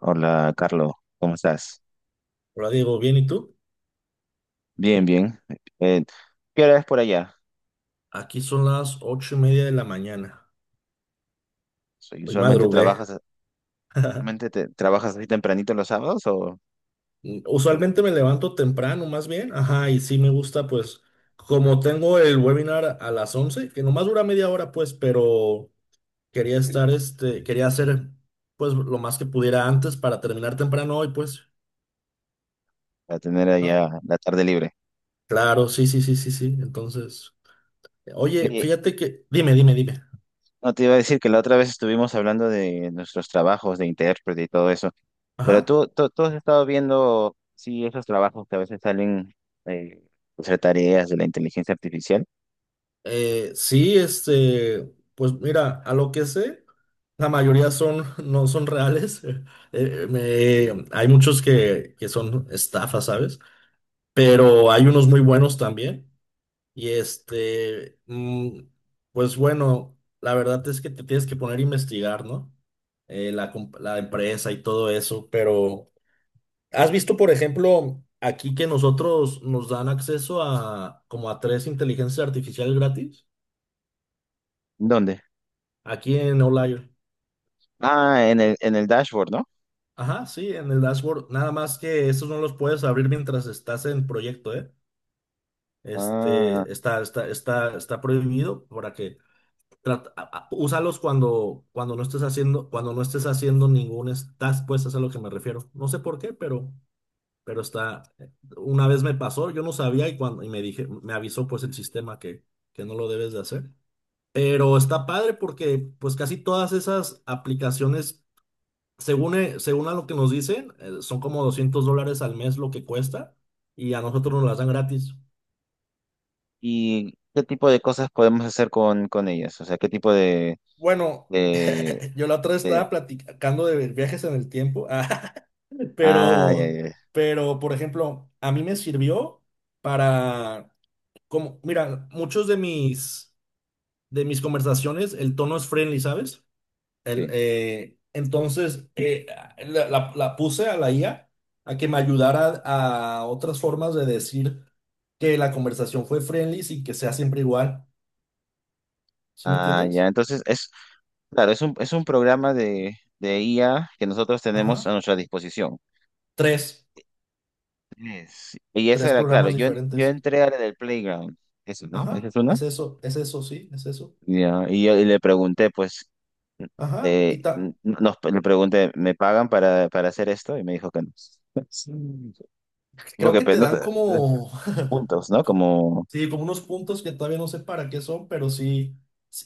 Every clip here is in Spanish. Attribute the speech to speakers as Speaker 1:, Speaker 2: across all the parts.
Speaker 1: Hola, Carlos, ¿cómo estás?
Speaker 2: Hola Diego, ¿bien y tú?
Speaker 1: Bien, bien. Eh, ¿Qué hora es por allá?
Speaker 2: Aquí son las 8:30 de la mañana. Hoy
Speaker 1: ¿Usualmente
Speaker 2: madrugué.
Speaker 1: trabajas, trabajas así tempranito los sábados o
Speaker 2: Usualmente me levanto temprano, más bien. Ajá, y sí me gusta, pues, como tengo el webinar a las 11, que nomás dura 1/2 hora, pues, pero quería estar, quería hacer, pues, lo más que pudiera antes para terminar temprano hoy, pues.
Speaker 1: para tener
Speaker 2: Ajá.
Speaker 1: allá la tarde libre?
Speaker 2: Claro, sí, sí, sí, sí, sí. Entonces, oye,
Speaker 1: Oye,
Speaker 2: fíjate que, dime.
Speaker 1: no te iba a decir que la otra vez estuvimos hablando de nuestros trabajos de intérprete y todo eso, pero
Speaker 2: Ajá.
Speaker 1: tú has estado viendo, sí, esos trabajos que a veces salen, eh, pues, hacer tareas de la inteligencia artificial.
Speaker 2: Sí, pues mira, a lo que sé, la mayoría son, no son reales. Me- hay muchos que son estafas, ¿sabes? Pero hay unos muy buenos también. Y pues bueno, la verdad es que te tienes que poner a investigar, ¿no? La, comp- la empresa y todo eso. Pero, ¿has visto, por ejemplo, aquí que nosotros nos dan acceso a como a 3 inteligencias artificiales gratis?
Speaker 1: ¿Dónde?
Speaker 2: Aquí en Outlier.
Speaker 1: Ah, en en el dashboard, ¿no?
Speaker 2: Ajá, sí, en el dashboard. Nada más que estos no los puedes abrir mientras estás en proyecto, ¿eh?
Speaker 1: Ah.
Speaker 2: Está prohibido para que trata- a- úsalos cuando, cuando no estés haciendo, cuando no estés haciendo ningún es- task, pues es a lo que me refiero. No sé por qué, pero está. Una vez me pasó, yo no sabía y cuando, y me dije, me avisó pues el sistema que no lo debes de hacer. Pero está padre porque pues casi todas esas aplicaciones según, según a lo que nos dicen, son como $200 al mes lo que cuesta y a nosotros nos las dan gratis.
Speaker 1: ¿Y qué tipo de cosas podemos hacer con ellas? O sea, ¿qué tipo
Speaker 2: Bueno,
Speaker 1: de,
Speaker 2: yo la otra vez
Speaker 1: de-
Speaker 2: estaba platicando de viajes en el tiempo,
Speaker 1: Ah, ya,
Speaker 2: pero,
Speaker 1: ya, ya,
Speaker 2: pero, por ejemplo, a mí me sirvió para, como, mira, muchos de mis conversaciones, el tono es friendly, ¿sabes? El,
Speaker 1: sí.
Speaker 2: entonces, la puse a la IA a que me ayudara a otras formas de decir que la conversación fue friendly y que sea siempre igual. ¿Sí me
Speaker 1: Ah, ya.
Speaker 2: entiendes?
Speaker 1: Entonces, claro, es un programa de IA que nosotros tenemos a
Speaker 2: Ajá.
Speaker 1: nuestra disposición.
Speaker 2: Tres,
Speaker 1: Y esa
Speaker 2: tres
Speaker 1: era, claro,
Speaker 2: programas
Speaker 1: yo
Speaker 2: diferentes.
Speaker 1: entré a la del Playground. Eso, ¿no? ¿Esa
Speaker 2: Ajá.
Speaker 1: es una?
Speaker 2: Es eso, sí, es eso.
Speaker 1: Ya. Y le pregunté, pues,
Speaker 2: Ajá. Y ta-
Speaker 1: le pregunté, ¿me pagan para hacer esto? Y me dijo que no. Sí.
Speaker 2: creo
Speaker 1: Porque
Speaker 2: que
Speaker 1: pues,
Speaker 2: te dan como,
Speaker 1: puntos, ¿no?
Speaker 2: co-
Speaker 1: Como...
Speaker 2: sí, como unos puntos que todavía no sé para qué son, pero sí.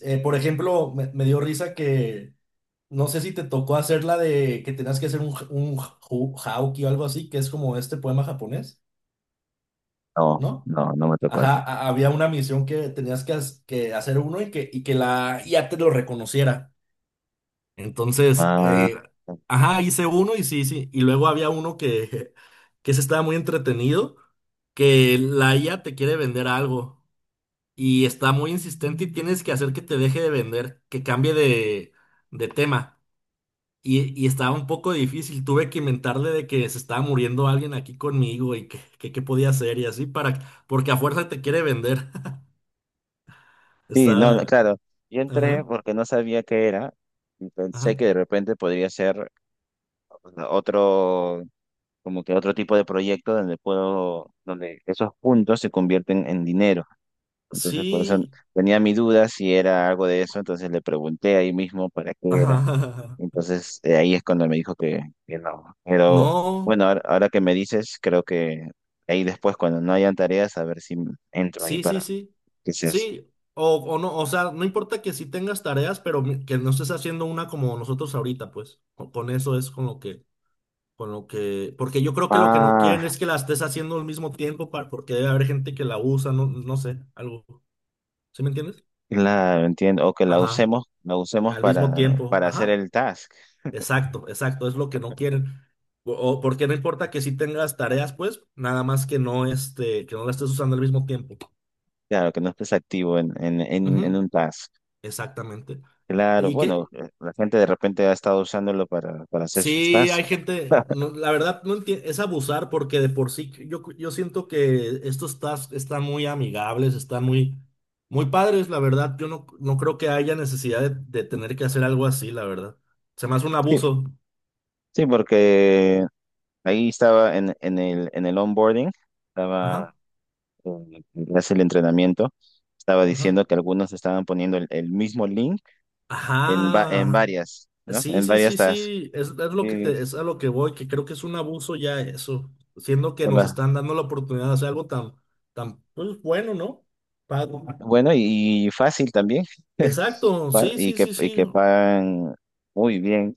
Speaker 2: Por ejemplo, me dio risa que... No sé si te tocó hacer la de que tenías que hacer un, j- un hu- hauki o algo así, que es como este poema japonés,
Speaker 1: No,
Speaker 2: ¿no?
Speaker 1: no, no me tocó
Speaker 2: Ajá,
Speaker 1: esta.
Speaker 2: a- había una misión que tenías que, has- que hacer uno y que la IA te lo reconociera. Entonces,
Speaker 1: Ah,
Speaker 2: ajá, hice uno y sí, sí. Y luego había uno que se estaba muy entretenido, que la IA te quiere vender algo y está muy insistente y tienes que hacer que te deje de vender, que cambie de tema. Y estaba un poco difícil, tuve que inventarle de que se estaba muriendo alguien aquí conmigo y que, qué podía hacer y así para, porque a fuerza te quiere vender.
Speaker 1: sí, no, no,
Speaker 2: Está,
Speaker 1: claro. Yo entré
Speaker 2: ajá,
Speaker 1: porque no sabía qué era y pensé
Speaker 2: ajá.
Speaker 1: que de repente podría ser otro, como que otro tipo de proyecto donde puedo, donde esos puntos se convierten en dinero. Entonces, por eso
Speaker 2: Sí,
Speaker 1: tenía mi duda si era algo de eso, entonces le pregunté ahí mismo para qué
Speaker 2: ajá,
Speaker 1: era.
Speaker 2: ajá, ajá.
Speaker 1: Entonces, ahí es cuando me dijo que no. Pero
Speaker 2: No,
Speaker 1: bueno, ahora, ahora que me dices, creo que ahí después, cuando no hayan tareas, a ver si entro ahí
Speaker 2: sí, sí, sí.
Speaker 1: que se hace.
Speaker 2: Sí, o no, o sea, no importa que sí tengas tareas, pero mi- que no estés haciendo una como nosotros ahorita, pues. Con eso es con lo que, porque yo creo que lo que no quieren
Speaker 1: Ah,
Speaker 2: es que la estés haciendo al mismo tiempo para, porque debe haber gente que la usa, no, no sé, algo. ¿Sí me entiendes?
Speaker 1: claro, entiendo. O que
Speaker 2: Ajá.
Speaker 1: la usemos
Speaker 2: Al mismo tiempo.
Speaker 1: para hacer
Speaker 2: Ajá.
Speaker 1: el task.
Speaker 2: Exacto, exacto. Es lo que no quieren. O porque no importa que sí tengas tareas, pues, nada más que no este, que no la estés usando al mismo tiempo.
Speaker 1: Claro, que no estés activo en
Speaker 2: Ujú,
Speaker 1: un task.
Speaker 2: exactamente.
Speaker 1: Claro,
Speaker 2: Y
Speaker 1: bueno,
Speaker 2: que
Speaker 1: la gente de repente ha estado usándolo para hacer sus
Speaker 2: sí hay
Speaker 1: tasks.
Speaker 2: gente, no, la verdad no entiendo, es abusar porque de por sí yo siento que estos tasks están muy amigables, están muy, muy padres, la verdad. Yo no, no creo que haya necesidad de tener que hacer algo así, la verdad. Se me hace un
Speaker 1: Sí,
Speaker 2: abuso.
Speaker 1: sí, porque ahí estaba en el onboarding, estaba
Speaker 2: Ajá,
Speaker 1: en clase el entrenamiento, estaba
Speaker 2: ajá.
Speaker 1: diciendo que algunos estaban poniendo el mismo link en, en
Speaker 2: Ajá.
Speaker 1: varias, ¿no?
Speaker 2: Sí,
Speaker 1: En
Speaker 2: sí,
Speaker 1: varias
Speaker 2: sí,
Speaker 1: tasks.
Speaker 2: sí. Es lo que
Speaker 1: Y
Speaker 2: te- es a lo que voy, que creo que es un abuso ya eso. Siendo que
Speaker 1: por
Speaker 2: nos
Speaker 1: la-
Speaker 2: están dando la oportunidad de hacer algo tan, tan, pues bueno, ¿no? Pago.
Speaker 1: Bueno, y fácil también.
Speaker 2: Exacto, sí, sí, sí,
Speaker 1: Y
Speaker 2: sí.
Speaker 1: que pagan muy bien.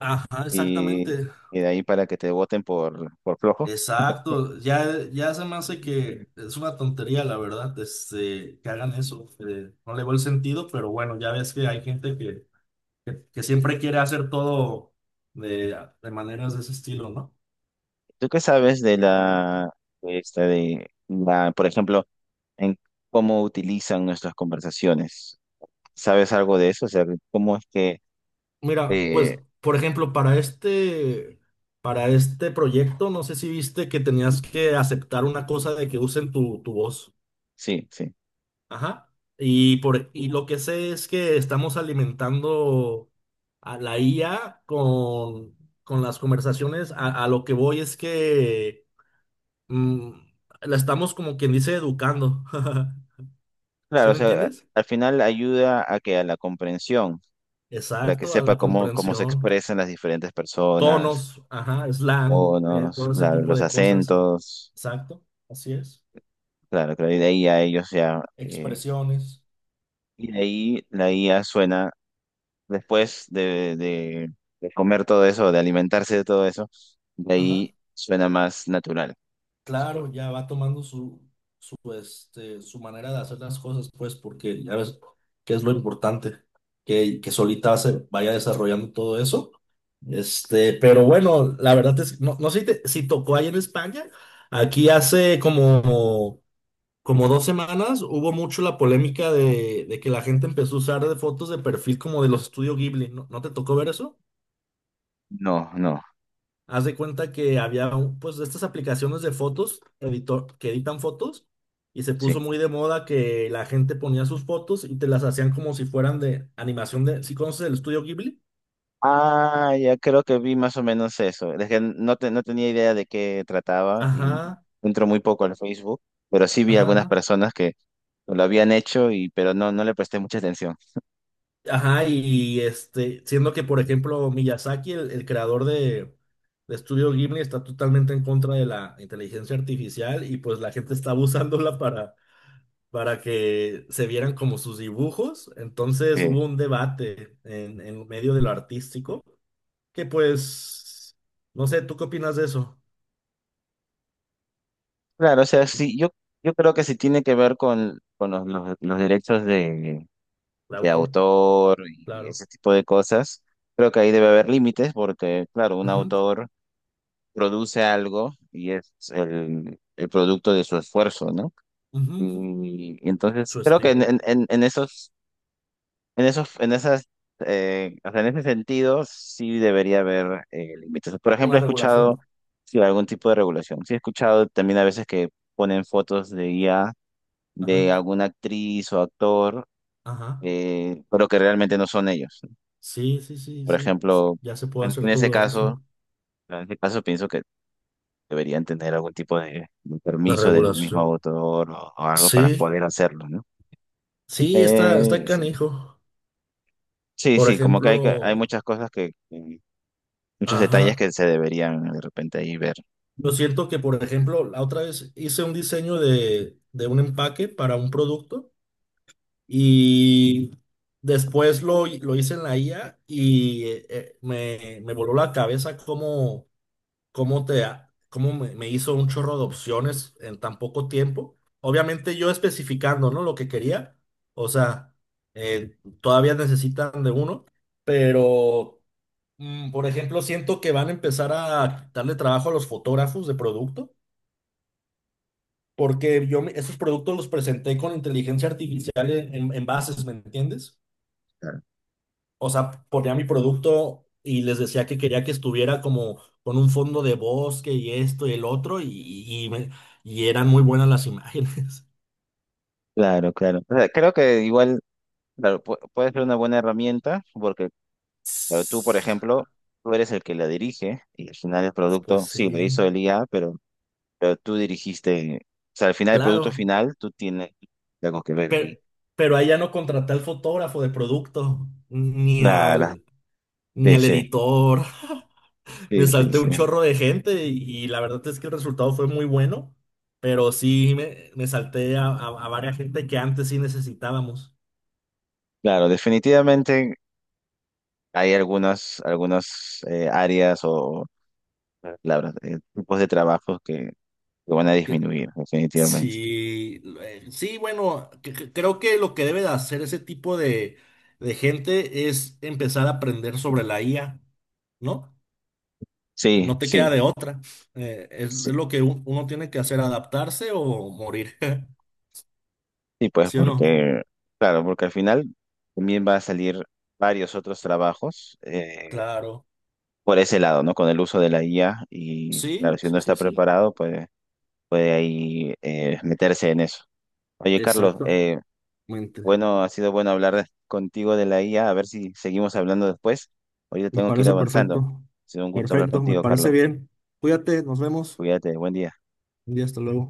Speaker 2: Ajá,
Speaker 1: Y,
Speaker 2: exactamente.
Speaker 1: y de ahí para que te voten por flojo.
Speaker 2: Exacto. Ya, ya se me hace
Speaker 1: Mm.
Speaker 2: que es una tontería, la verdad, que hagan eso. No le veo el sentido, pero bueno, ya ves que hay gente que siempre quiere hacer todo de maneras de ese estilo, ¿no?
Speaker 1: ¿Tú qué sabes de esta de la, por ejemplo, en cómo utilizan nuestras conversaciones? ¿Sabes algo de eso? O sea, ¿cómo es que,
Speaker 2: Mira, pues,
Speaker 1: eh,
Speaker 2: por ejemplo, para este proyecto, no sé si viste que tenías que aceptar una cosa de que usen tu, tu voz.
Speaker 1: sí, sí?
Speaker 2: Ajá. Y por, y lo que sé es que estamos alimentando a la IA con las conversaciones. A lo que voy es que mm, la estamos como quien dice educando. ¿Sí
Speaker 1: Claro, o
Speaker 2: me
Speaker 1: sea,
Speaker 2: entiendes?
Speaker 1: al final ayuda a que a la comprensión, para que
Speaker 2: Exacto, a
Speaker 1: sepa
Speaker 2: la
Speaker 1: cómo, cómo se
Speaker 2: comprensión.
Speaker 1: expresan las diferentes personas,
Speaker 2: Tonos, ajá, slang,
Speaker 1: tonos,
Speaker 2: todo ese
Speaker 1: claro,
Speaker 2: tipo
Speaker 1: los
Speaker 2: de cosas.
Speaker 1: acentos,
Speaker 2: Exacto, así es.
Speaker 1: claro, creo y de ahí a ellos ya,
Speaker 2: Expresiones,
Speaker 1: y de ahí la IA suena, después de comer todo eso, de alimentarse de todo eso, de
Speaker 2: ajá.
Speaker 1: ahí suena más natural, se supone.
Speaker 2: Claro, ya va tomando su, su, su manera de hacer las cosas, pues, porque ya ves que es lo importante, que solita se vaya desarrollando todo eso. Pero bueno, la verdad es, no, no sé si, te- si tocó ahí en España, aquí hace como como 2 semanas hubo mucho la polémica de que la gente empezó a usar de fotos de perfil como de los estudios Ghibli. ¿No, no te tocó ver eso?
Speaker 1: No, no,
Speaker 2: Haz de cuenta que había un- pues de estas aplicaciones de fotos, editor, que editan fotos, y se puso
Speaker 1: sí.
Speaker 2: muy de moda que la gente ponía sus fotos y te las hacían como si fueran de animación de, ¿sí conoces el estudio Ghibli?
Speaker 1: Ah, ya creo que vi más o menos eso. Es que no tenía idea de qué trataba y
Speaker 2: Ajá,
Speaker 1: entro muy poco al Facebook, pero sí vi
Speaker 2: ajá,
Speaker 1: algunas
Speaker 2: ajá.
Speaker 1: personas que lo habían hecho y pero no, no le presté mucha atención.
Speaker 2: Ajá, y siendo que, por ejemplo, Miyazaki, el creador de Estudio Ghibli, está totalmente en contra de la inteligencia artificial y pues la gente está abusándola para que se vieran como sus dibujos. Entonces
Speaker 1: Sí.
Speaker 2: hubo un debate en medio de lo artístico, que pues, no sé, ¿tú qué opinas de eso?
Speaker 1: Claro, o sea, sí, yo creo que sí tiene que ver con los derechos
Speaker 2: El
Speaker 1: de
Speaker 2: autor,
Speaker 1: autor y
Speaker 2: claro.
Speaker 1: ese tipo de cosas. Creo que ahí debe haber límites porque, claro, un
Speaker 2: Ujú,
Speaker 1: autor produce algo y es el producto de su esfuerzo, ¿no?
Speaker 2: ujú, ujú.
Speaker 1: Y entonces
Speaker 2: Su
Speaker 1: creo que
Speaker 2: estilo.
Speaker 1: en esos, en esos, en esas, o sea, en ese sentido sí debería haber límites. Por ejemplo,
Speaker 2: Una
Speaker 1: he escuchado
Speaker 2: regulación.
Speaker 1: sí, algún tipo de regulación. Sí, he escuchado también a veces que ponen fotos de IA
Speaker 2: Ajá,
Speaker 1: de alguna actriz o actor,
Speaker 2: ajá.
Speaker 1: pero que realmente no son ellos.
Speaker 2: Sí, sí, sí,
Speaker 1: Por
Speaker 2: sí.
Speaker 1: ejemplo,
Speaker 2: Ya se puede
Speaker 1: en, en
Speaker 2: hacer
Speaker 1: ese
Speaker 2: todo eso.
Speaker 1: caso, en ese caso pienso que deberían tener algún tipo de
Speaker 2: La
Speaker 1: permiso del mismo
Speaker 2: regulación.
Speaker 1: autor o algo para
Speaker 2: Sí,
Speaker 1: poder hacerlo, ¿no? Mm.
Speaker 2: sí, está, está
Speaker 1: Sí,
Speaker 2: canijo.
Speaker 1: sí,
Speaker 2: Por
Speaker 1: sí, como que hay, hay
Speaker 2: ejemplo,
Speaker 1: muchas cosas que muchos detalles
Speaker 2: ajá.
Speaker 1: que se deberían de repente ahí ver.
Speaker 2: Yo siento que, por ejemplo, la otra vez hice un diseño de un empaque para un producto y después lo hice en la IA y me, me voló la cabeza cómo, cómo te, ha- cómo me, me hizo un chorro de opciones en tan poco tiempo. Obviamente yo especificando, ¿no? Lo que quería. O sea, todavía necesitan de uno, pero, por ejemplo, siento que van a empezar a darle trabajo a los fotógrafos de producto, porque yo me- esos productos los presenté con inteligencia artificial en bases, ¿me entiendes?
Speaker 1: Claro,
Speaker 2: O sea, ponía mi producto y les decía que quería que estuviera como con un fondo de bosque y esto y el otro, y me- y eran muy buenas las imágenes.
Speaker 1: claro, claro. O sea, creo que igual, claro, puede ser una buena herramienta, porque pero tú, por ejemplo, tú eres el que la dirige y al final el
Speaker 2: Pues
Speaker 1: producto, sí, lo
Speaker 2: sí,
Speaker 1: hizo el IA, pero tú dirigiste, o sea, al final el producto
Speaker 2: claro,
Speaker 1: final, tú tienes algo que ver
Speaker 2: pero,
Speaker 1: ahí.
Speaker 2: pero ahí ya no contraté al fotógrafo de producto, ni
Speaker 1: Claro,
Speaker 2: al, ni
Speaker 1: sí,
Speaker 2: al
Speaker 1: sí,
Speaker 2: editor. Me
Speaker 1: sí, sí,
Speaker 2: salté
Speaker 1: sí.
Speaker 2: un chorro de gente y la verdad es que el resultado fue muy bueno, pero sí me salté a varias gente que antes sí necesitábamos.
Speaker 1: Claro, definitivamente hay algunas, algunas áreas o palabras, tipos de trabajos que van a disminuir, definitivamente.
Speaker 2: Sí, sí, bueno, cre- cre- creo que lo que debe de hacer ese tipo de gente es empezar a aprender sobre la IA, ¿no?
Speaker 1: Sí,
Speaker 2: No te queda
Speaker 1: sí,
Speaker 2: de otra. Es
Speaker 1: sí,
Speaker 2: lo que un- uno tiene que hacer, adaptarse o morir,
Speaker 1: sí, pues
Speaker 2: ¿sí o no?
Speaker 1: porque, claro, porque al final también va a salir varios otros trabajos,
Speaker 2: Claro.
Speaker 1: por ese lado, ¿no? Con el uso de la IA y claro,
Speaker 2: Sí,
Speaker 1: si uno
Speaker 2: sí, sí,
Speaker 1: está
Speaker 2: sí.
Speaker 1: preparado, pues puede ahí meterse en eso. Oye, Carlos,
Speaker 2: Exactamente.
Speaker 1: bueno, ha sido bueno hablar contigo de la IA, a ver si seguimos hablando después. Ahorita
Speaker 2: Me
Speaker 1: tengo que ir
Speaker 2: parece
Speaker 1: avanzando.
Speaker 2: perfecto.
Speaker 1: Ha sido un gusto hablar
Speaker 2: Perfecto, me
Speaker 1: contigo,
Speaker 2: parece
Speaker 1: Carlos.
Speaker 2: bien. Cuídate, nos vemos.
Speaker 1: Cuídate, buen día.
Speaker 2: Y hasta luego.